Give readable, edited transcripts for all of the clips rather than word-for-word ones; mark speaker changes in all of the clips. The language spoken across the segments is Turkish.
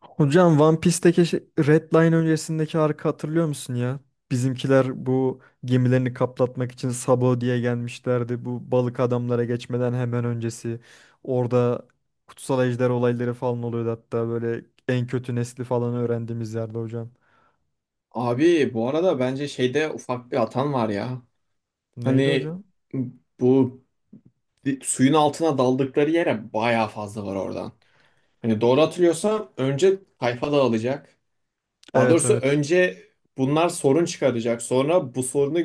Speaker 1: Hocam One Piece'teki Red Line öncesindeki arka hatırlıyor musun ya? Bizimkiler bu gemilerini kaplatmak için Sabo diye gelmişlerdi. Bu balık adamlara geçmeden hemen öncesi. Orada kutsal ejder olayları falan oluyordu, hatta böyle en kötü nesli falan öğrendiğimiz yerde hocam.
Speaker 2: Abi bu arada bence şeyde ufak bir hatan var ya.
Speaker 1: Neydi
Speaker 2: Hani
Speaker 1: hocam?
Speaker 2: bu suyun altına daldıkları yere bayağı fazla var oradan. Hani doğru hatırlıyorsam önce tayfa dağılacak. Daha
Speaker 1: Evet,
Speaker 2: doğrusu
Speaker 1: evet.
Speaker 2: önce bunlar sorun çıkaracak. Sonra bu sorunu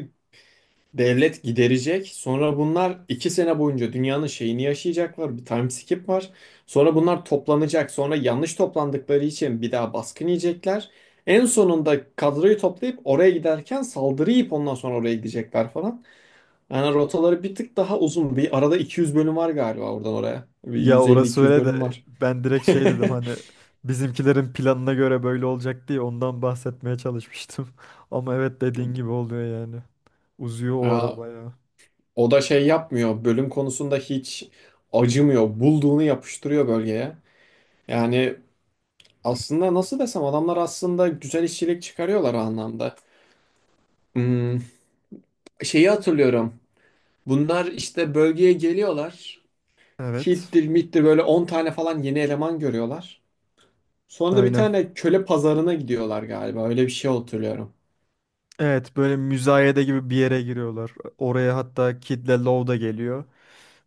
Speaker 2: devlet giderecek. Sonra bunlar iki sene boyunca dünyanın şeyini yaşayacaklar. Bir time skip var. Sonra bunlar toplanacak. Sonra yanlış toplandıkları için bir daha baskın yiyecekler. En sonunda kadroyu toplayıp oraya giderken saldırı yiyip ondan sonra oraya gidecekler falan. Yani rotaları bir tık daha uzun. Bir arada 200 bölüm var galiba oradan oraya. Bir
Speaker 1: Ya orası
Speaker 2: 150-200
Speaker 1: öyle
Speaker 2: bölüm
Speaker 1: de
Speaker 2: var.
Speaker 1: ben direkt şey dedim, hani bizimkilerin planına göre böyle olacak diye ondan bahsetmeye çalışmıştım. Ama evet, dediğin gibi oluyor yani. Uzuyor o
Speaker 2: Aa,
Speaker 1: araba ya.
Speaker 2: o da şey yapmıyor. Bölüm konusunda hiç acımıyor. Bulduğunu yapıştırıyor bölgeye. Yani aslında nasıl desem, adamlar aslında güzel işçilik çıkarıyorlar o anlamda. Hmm, şeyi hatırlıyorum. Bunlar işte bölgeye geliyorlar.
Speaker 1: Evet,
Speaker 2: Hittir, mittir böyle on tane falan yeni eleman görüyorlar. Sonra da bir
Speaker 1: aynen.
Speaker 2: tane köle pazarına gidiyorlar galiba. Öyle bir şey hatırlıyorum.
Speaker 1: Evet, böyle müzayede gibi bir yere giriyorlar. Oraya hatta Kid ile Lou da geliyor.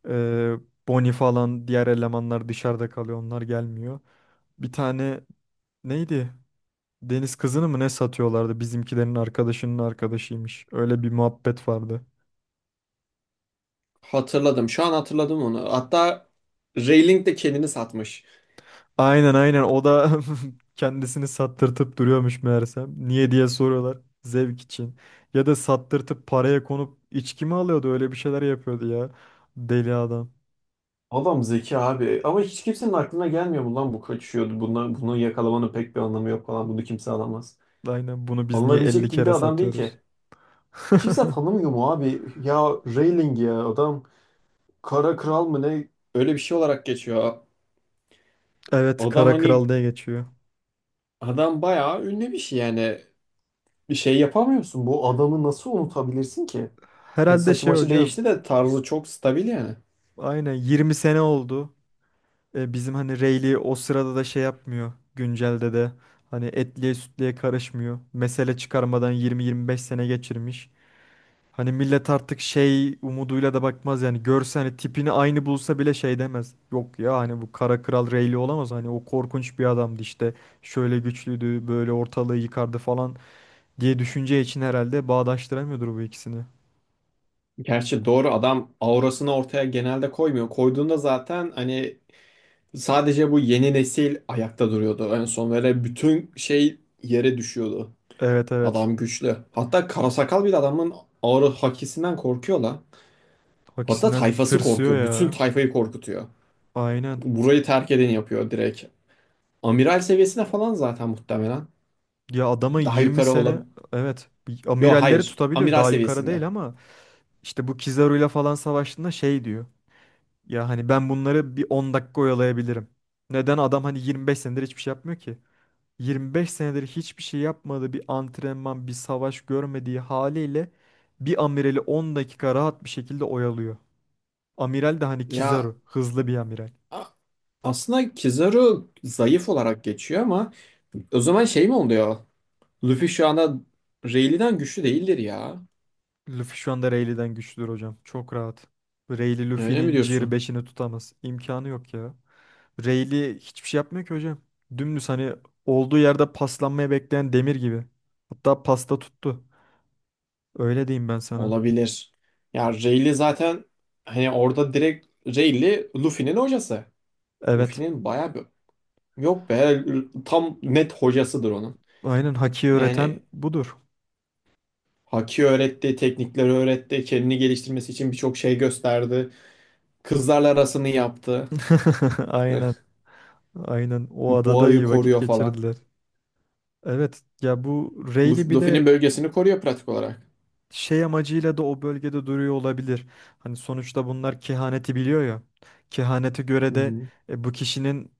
Speaker 1: Ee, Bonnie falan diğer elemanlar dışarıda kalıyor, onlar gelmiyor. Bir tane neydi? Deniz kızını mı ne satıyorlardı? Bizimkilerin arkadaşının arkadaşıymış. Öyle bir muhabbet vardı.
Speaker 2: Hatırladım. Şu an hatırladım onu. Hatta Rayling de kendini satmış.
Speaker 1: Aynen, aynen o da kendisini sattırtıp duruyormuş meğersem. Niye diye soruyorlar. Zevk için. Ya da sattırtıp paraya konup içki mi alıyordu? Öyle bir şeyler yapıyordu ya. Deli adam.
Speaker 2: Adam zeki abi. Ama hiç kimsenin aklına gelmiyor mu lan, bu kaçıyordu. Buna, bunu yakalamanın pek bir anlamı yok falan. Bunu kimse alamaz.
Speaker 1: Aynen, bunu biz niye 50
Speaker 2: Alınabilecek gibi de
Speaker 1: kere
Speaker 2: adam değil
Speaker 1: satıyoruz?
Speaker 2: ki. Kimse tanımıyor mu abi? Ya Rowling ya, adam kara kral mı ne? Öyle bir şey olarak geçiyor.
Speaker 1: Evet,
Speaker 2: Adam
Speaker 1: Kara Kral
Speaker 2: hani
Speaker 1: diye geçiyor.
Speaker 2: adam bayağı ünlü bir şey yani. Bir şey yapamıyorsun. Bu adamı nasıl unutabilirsin ki? Hadi
Speaker 1: Herhalde
Speaker 2: saçı
Speaker 1: şey
Speaker 2: maçı
Speaker 1: hocam,
Speaker 2: değişti de tarzı çok stabil yani.
Speaker 1: aynen 20 sene oldu. E, bizim hani Rayleigh o sırada da şey yapmıyor, güncelde de. Hani etliye sütlüye karışmıyor. Mesele çıkarmadan 20-25 sene geçirmiş. Hani millet artık şey umuduyla da bakmaz yani. Görse hani tipini aynı bulsa bile şey demez. Yok ya, hani bu Kara Kral Rayleigh olamaz. Hani o korkunç bir adamdı işte. Şöyle güçlüydü, böyle ortalığı yıkardı falan. Diye düşünce için herhalde bağdaştıramıyordur bu ikisini.
Speaker 2: Gerçi doğru, adam aurasını ortaya genelde koymuyor. Koyduğunda zaten hani sadece bu yeni nesil ayakta duruyordu. En son böyle bütün şey yere düşüyordu.
Speaker 1: Evet, evet.
Speaker 2: Adam güçlü. Hatta karasakal bile adamın aura hakisinden korkuyor lan. Hatta
Speaker 1: Hakisinden
Speaker 2: tayfası
Speaker 1: tırsıyor
Speaker 2: korkuyor. Bütün
Speaker 1: ya.
Speaker 2: tayfayı korkutuyor.
Speaker 1: Aynen.
Speaker 2: Burayı terk edeni yapıyor direkt. Amiral seviyesine falan zaten muhtemelen.
Speaker 1: Ya adama
Speaker 2: Daha
Speaker 1: 20
Speaker 2: yukarı
Speaker 1: sene
Speaker 2: olabilir.
Speaker 1: evet
Speaker 2: Yok
Speaker 1: amiralleri
Speaker 2: hayır.
Speaker 1: tutabiliyor.
Speaker 2: Amiral
Speaker 1: Daha yukarı
Speaker 2: seviyesinde.
Speaker 1: değil ama işte bu Kizaru'yla falan savaştığında şey diyor. Ya hani ben bunları bir 10 dakika oyalayabilirim. Neden adam hani 25 senedir hiçbir şey yapmıyor ki? 25 senedir hiçbir şey yapmadığı, bir antrenman, bir savaş görmediği haliyle bir amirali 10 dakika rahat bir şekilde oyalıyor. Amiral de hani
Speaker 2: Ya
Speaker 1: Kizaru, hızlı bir amiral.
Speaker 2: a- aslında Kizaru zayıf olarak geçiyor, ama o zaman şey mi oluyor? Luffy şu anda Rayleigh'den güçlü değildir ya.
Speaker 1: Luffy şu anda Rayleigh'den güçlüdür hocam. Çok rahat. Rayleigh
Speaker 2: Öyle mi
Speaker 1: Luffy'nin Gear
Speaker 2: diyorsun?
Speaker 1: beşini tutamaz. İmkanı yok ya. Rayleigh hiçbir şey yapmıyor ki hocam. Dümdüz hani olduğu yerde paslanmaya bekleyen demir gibi. Hatta pasta tuttu. Öyle diyeyim ben sana.
Speaker 2: Olabilir. Ya Rayleigh zaten hani orada direkt Rayleigh Luffy'nin hocası.
Speaker 1: Evet.
Speaker 2: Luffy'nin bayağı bir... Yok be, tam net hocasıdır onun.
Speaker 1: Aynen, Haki öğreten
Speaker 2: Yani
Speaker 1: budur.
Speaker 2: Haki öğretti, teknikleri öğretti, kendini geliştirmesi için birçok şey gösterdi. Kızlarla arasını yaptı.
Speaker 1: Aynen. Aynen. O adada
Speaker 2: Boğayı
Speaker 1: iyi vakit
Speaker 2: koruyor falan.
Speaker 1: geçirdiler. Evet. Ya bu Rayleigh bir
Speaker 2: Luffy'nin
Speaker 1: de
Speaker 2: bölgesini koruyor pratik olarak.
Speaker 1: şey amacıyla da o bölgede duruyor olabilir. Hani sonuçta bunlar kehaneti biliyor ya. Kehanete göre
Speaker 2: Hı
Speaker 1: de,
Speaker 2: hı.
Speaker 1: bu kişinin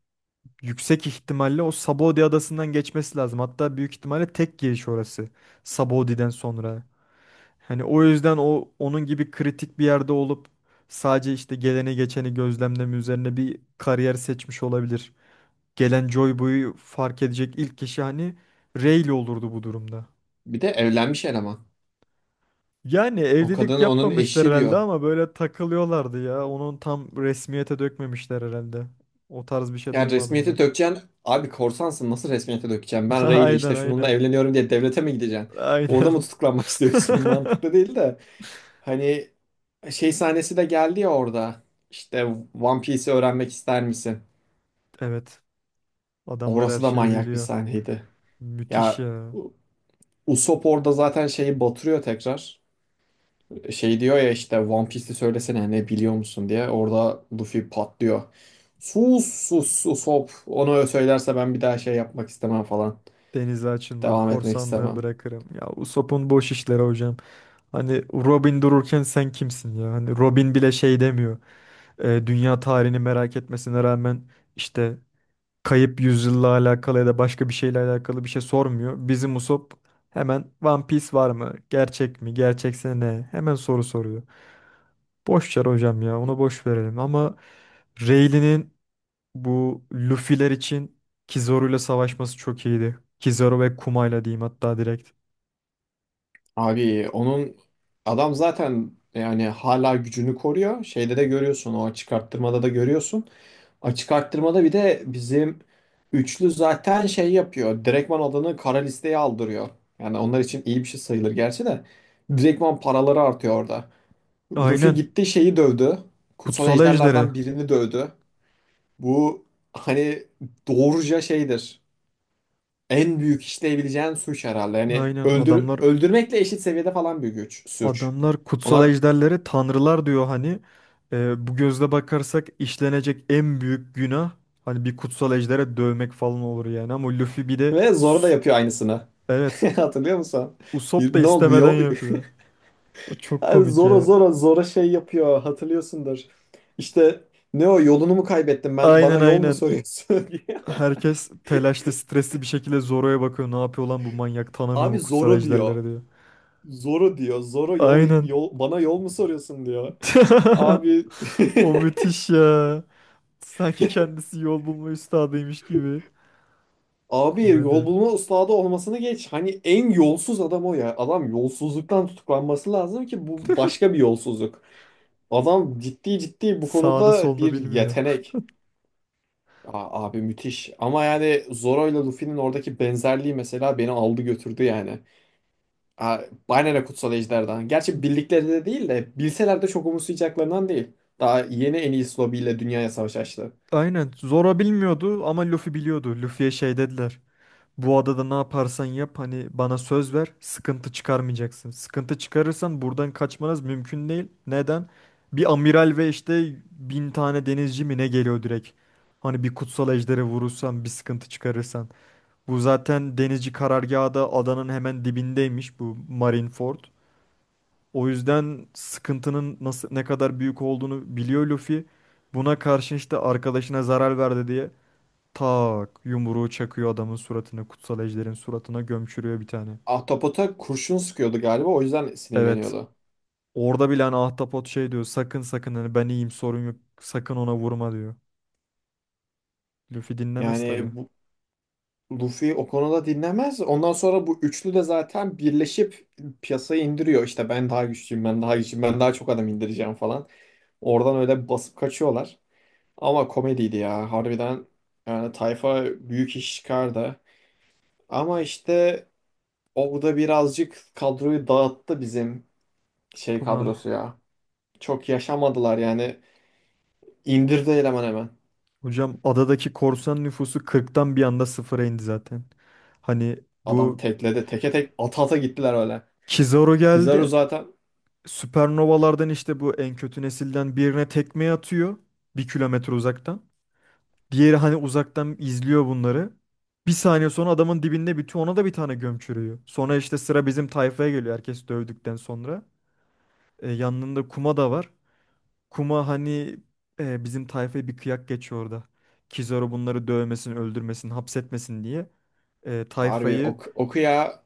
Speaker 1: yüksek ihtimalle o Sabaody adasından geçmesi lazım. Hatta büyük ihtimalle tek giriş orası. Sabaody'den sonra. Hani o yüzden o onun gibi kritik bir yerde olup sadece işte geleni geçeni gözlemleme üzerine bir kariyer seçmiş olabilir. Gelen Joy Boy'u fark edecek ilk kişi hani Rayleigh olurdu bu durumda.
Speaker 2: Bir de evlenmiş eleman.
Speaker 1: Yani
Speaker 2: O
Speaker 1: evlilik
Speaker 2: kadın onun
Speaker 1: yapmamışlar
Speaker 2: eşi
Speaker 1: herhalde
Speaker 2: diyor.
Speaker 1: ama böyle takılıyorlardı ya. Onun tam resmiyete dökmemişler herhalde. O tarz bir şey
Speaker 2: Yani
Speaker 1: duymadım ben.
Speaker 2: resmiyete dökeceksin. Abi korsansın, nasıl resmiyete dökeceksin? Ben Rayleigh,
Speaker 1: Aynen
Speaker 2: işte şununla
Speaker 1: aynen.
Speaker 2: evleniyorum diye devlete mi gideceksin? Orada mı
Speaker 1: Aynen.
Speaker 2: tutuklanmak istiyorsun? Mantıklı değil de. Hani şey sahnesi de geldi ya orada. İşte One Piece'i öğrenmek ister misin?
Speaker 1: Evet. Adamlar her
Speaker 2: Orası da
Speaker 1: şeyi
Speaker 2: manyak bir
Speaker 1: biliyor.
Speaker 2: sahneydi.
Speaker 1: Müthiş
Speaker 2: Ya
Speaker 1: ya.
Speaker 2: U- Usopp orada zaten şeyi batırıyor tekrar. Şey diyor ya işte, One Piece'i söylesene ne biliyor musun diye. Orada Luffy patlıyor. Sus sus sus, hop. Onu söylerse ben bir daha şey yapmak istemem falan.
Speaker 1: Denize açılmam,
Speaker 2: Devam etmek
Speaker 1: korsanlığı
Speaker 2: istemem.
Speaker 1: bırakırım. Ya Usopp'un boş işleri hocam. Hani Robin dururken sen kimsin ya? Hani Robin bile şey demiyor. Dünya tarihini merak etmesine rağmen işte kayıp yüzyılla alakalı ya da başka bir şeyle alakalı bir şey sormuyor. Bizim Usopp hemen One Piece var mı? Gerçek mi? Gerçekse ne? Hemen soru soruyor. Boş ver hocam ya, onu boş verelim ama Rayleigh'nin bu Luffy'ler için Kizaru'yla savaşması çok iyiydi. Kizaru ve Kuma'yla diyeyim hatta direkt.
Speaker 2: Abi onun adam zaten yani hala gücünü koruyor. Şeyde de görüyorsun, o çıkarttırmada da görüyorsun. Açık arttırmada bir de bizim üçlü zaten şey yapıyor. Direktman adını kara listeye aldırıyor. Yani onlar için iyi bir şey sayılır gerçi de. Direktman paraları artıyor orada. Luffy
Speaker 1: Aynen.
Speaker 2: gitti şeyi dövdü. Kutsal
Speaker 1: Kutsal Ejderi.
Speaker 2: ejderlerden birini dövdü. Bu hani doğruca şeydir. En büyük işleyebileceğin suç herhalde. Yani
Speaker 1: Aynen
Speaker 2: öldür
Speaker 1: adamlar
Speaker 2: öldürmekle eşit seviyede falan bir güç, suç.
Speaker 1: adamlar kutsal
Speaker 2: Onlar
Speaker 1: ejderlere tanrılar diyor hani. Bu gözle bakarsak işlenecek en büyük günah, hani bir kutsal ejdere dövmek falan olur yani. Ama Luffy bir de
Speaker 2: ve Zoro da yapıyor aynısını.
Speaker 1: evet
Speaker 2: Hatırlıyor musun?
Speaker 1: Usopp da
Speaker 2: Ne oldu?
Speaker 1: istemeden
Speaker 2: Yo,
Speaker 1: yapıyor. O çok
Speaker 2: yani
Speaker 1: komik
Speaker 2: Zora
Speaker 1: ya.
Speaker 2: zora zora şey yapıyor, hatırlıyorsundur. İşte, ne o yolunu mu kaybettim, ben
Speaker 1: Aynen
Speaker 2: bana yol mu
Speaker 1: aynen.
Speaker 2: soruyorsun diye.
Speaker 1: Herkes telaşlı, stresli bir şekilde Zoro'ya bakıyor. Ne yapıyor lan bu manyak? Tanımıyor
Speaker 2: Abi
Speaker 1: mu kutsal
Speaker 2: Zoro diyor.
Speaker 1: ejderleri diyor.
Speaker 2: Zoro diyor. Zoro yol,
Speaker 1: Aynen.
Speaker 2: yol bana yol mu soruyorsun diyor. Abi
Speaker 1: O müthiş ya. Sanki kendisi yol bulma üstadıymış gibi.
Speaker 2: abi, yol
Speaker 1: Komedi.
Speaker 2: bulma ustası olmasını geç. Hani en yolsuz adam o ya. Adam yolsuzluktan tutuklanması lazım ki, bu başka bir yolsuzluk. Adam ciddi ciddi bu
Speaker 1: Sağını
Speaker 2: konuda
Speaker 1: solunu
Speaker 2: bir
Speaker 1: bilmiyor.
Speaker 2: yetenek. Aa, abi müthiş. Ama yani Zoro ile Luffy'nin oradaki benzerliği mesela beni aldı götürdü yani. Aa, aynen o kutsal ejderden. Gerçi bildikleri de değil, de bilseler de çok umursayacaklarından değil. Daha yeni en iyi Lobby ile dünyaya savaş açtı.
Speaker 1: Aynen, Zora bilmiyordu ama Luffy biliyordu. Luffy'ye şey dediler. Bu adada ne yaparsan yap hani bana söz ver, sıkıntı çıkarmayacaksın. Sıkıntı çıkarırsan buradan kaçmanız mümkün değil. Neden? Bir amiral ve işte bin tane denizci mi ne geliyor direkt. Hani bir kutsal ejderi vurursan, bir sıkıntı çıkarırsan. Bu zaten denizci karargahı da adanın hemen dibindeymiş, bu Marineford. O yüzden sıkıntının nasıl, ne kadar büyük olduğunu biliyor Luffy. Buna karşın işte arkadaşına zarar verdi diye tak yumruğu çakıyor adamın suratına, kutsal ejderin suratına gömçürüyor bir tane.
Speaker 2: Ahtapot'a kurşun sıkıyordu galiba, o yüzden
Speaker 1: Evet.
Speaker 2: sinirleniyordu.
Speaker 1: Orada bile hani Ahtapot şey diyor, sakın sakın hani ben iyiyim sorun yok sakın ona vurma diyor. Luffy dinlemez tabii.
Speaker 2: Yani bu, Luffy o konuda dinlemez. Ondan sonra bu üçlü de zaten birleşip piyasayı indiriyor. İşte ben daha güçlüyüm, ben daha güçlüyüm, ben daha çok adam indireceğim falan. Oradan öyle basıp kaçıyorlar. Ama komediydi ya, harbiden. Yani tayfa büyük iş çıkardı. Ama işte orada birazcık kadroyu dağıttı bizim şey kadrosu
Speaker 1: Puma.
Speaker 2: ya. Çok yaşamadılar yani. İndirdi eleman hemen.
Speaker 1: Hocam adadaki korsan nüfusu kırktan bir anda sıfıra indi zaten. Hani
Speaker 2: Adam
Speaker 1: bu
Speaker 2: tekledi. Teke tek ata ata gittiler öyle.
Speaker 1: Kizaru
Speaker 2: Pizarro
Speaker 1: geldi.
Speaker 2: zaten
Speaker 1: Süpernovalardan işte bu en kötü nesilden birine tekme atıyor. Bir kilometre uzaktan. Diğeri hani uzaktan izliyor bunları. Bir saniye sonra adamın dibinde bitiyor. Ona da bir tane göm çürüyor. Sonra işte sıra bizim tayfaya geliyor, herkes dövdükten sonra. Yanında Kuma da var. Kuma hani, bizim tayfaya bir kıyak geçiyor orada. Kizaru bunları dövmesin, öldürmesin, hapsetmesin diye. E,
Speaker 2: harbi
Speaker 1: tayfayı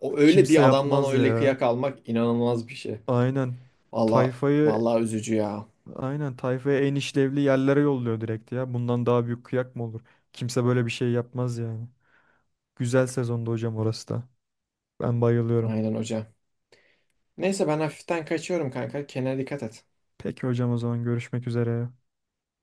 Speaker 2: o, öyle
Speaker 1: kimse
Speaker 2: bir adamdan
Speaker 1: yapmaz
Speaker 2: öyle
Speaker 1: ya.
Speaker 2: kıyak almak inanılmaz bir şey.
Speaker 1: Aynen.
Speaker 2: Valla
Speaker 1: Tayfayı
Speaker 2: vallahi üzücü ya.
Speaker 1: Aynen tayfaya en işlevli yerlere yolluyor direkt ya. Bundan daha büyük kıyak mı olur? Kimse böyle bir şey yapmaz yani. Güzel sezonda hocam orası da. Ben bayılıyorum.
Speaker 2: Aynen hocam. Neyse ben hafiften kaçıyorum kanka. Kendine dikkat et.
Speaker 1: Peki hocam, o zaman görüşmek üzere.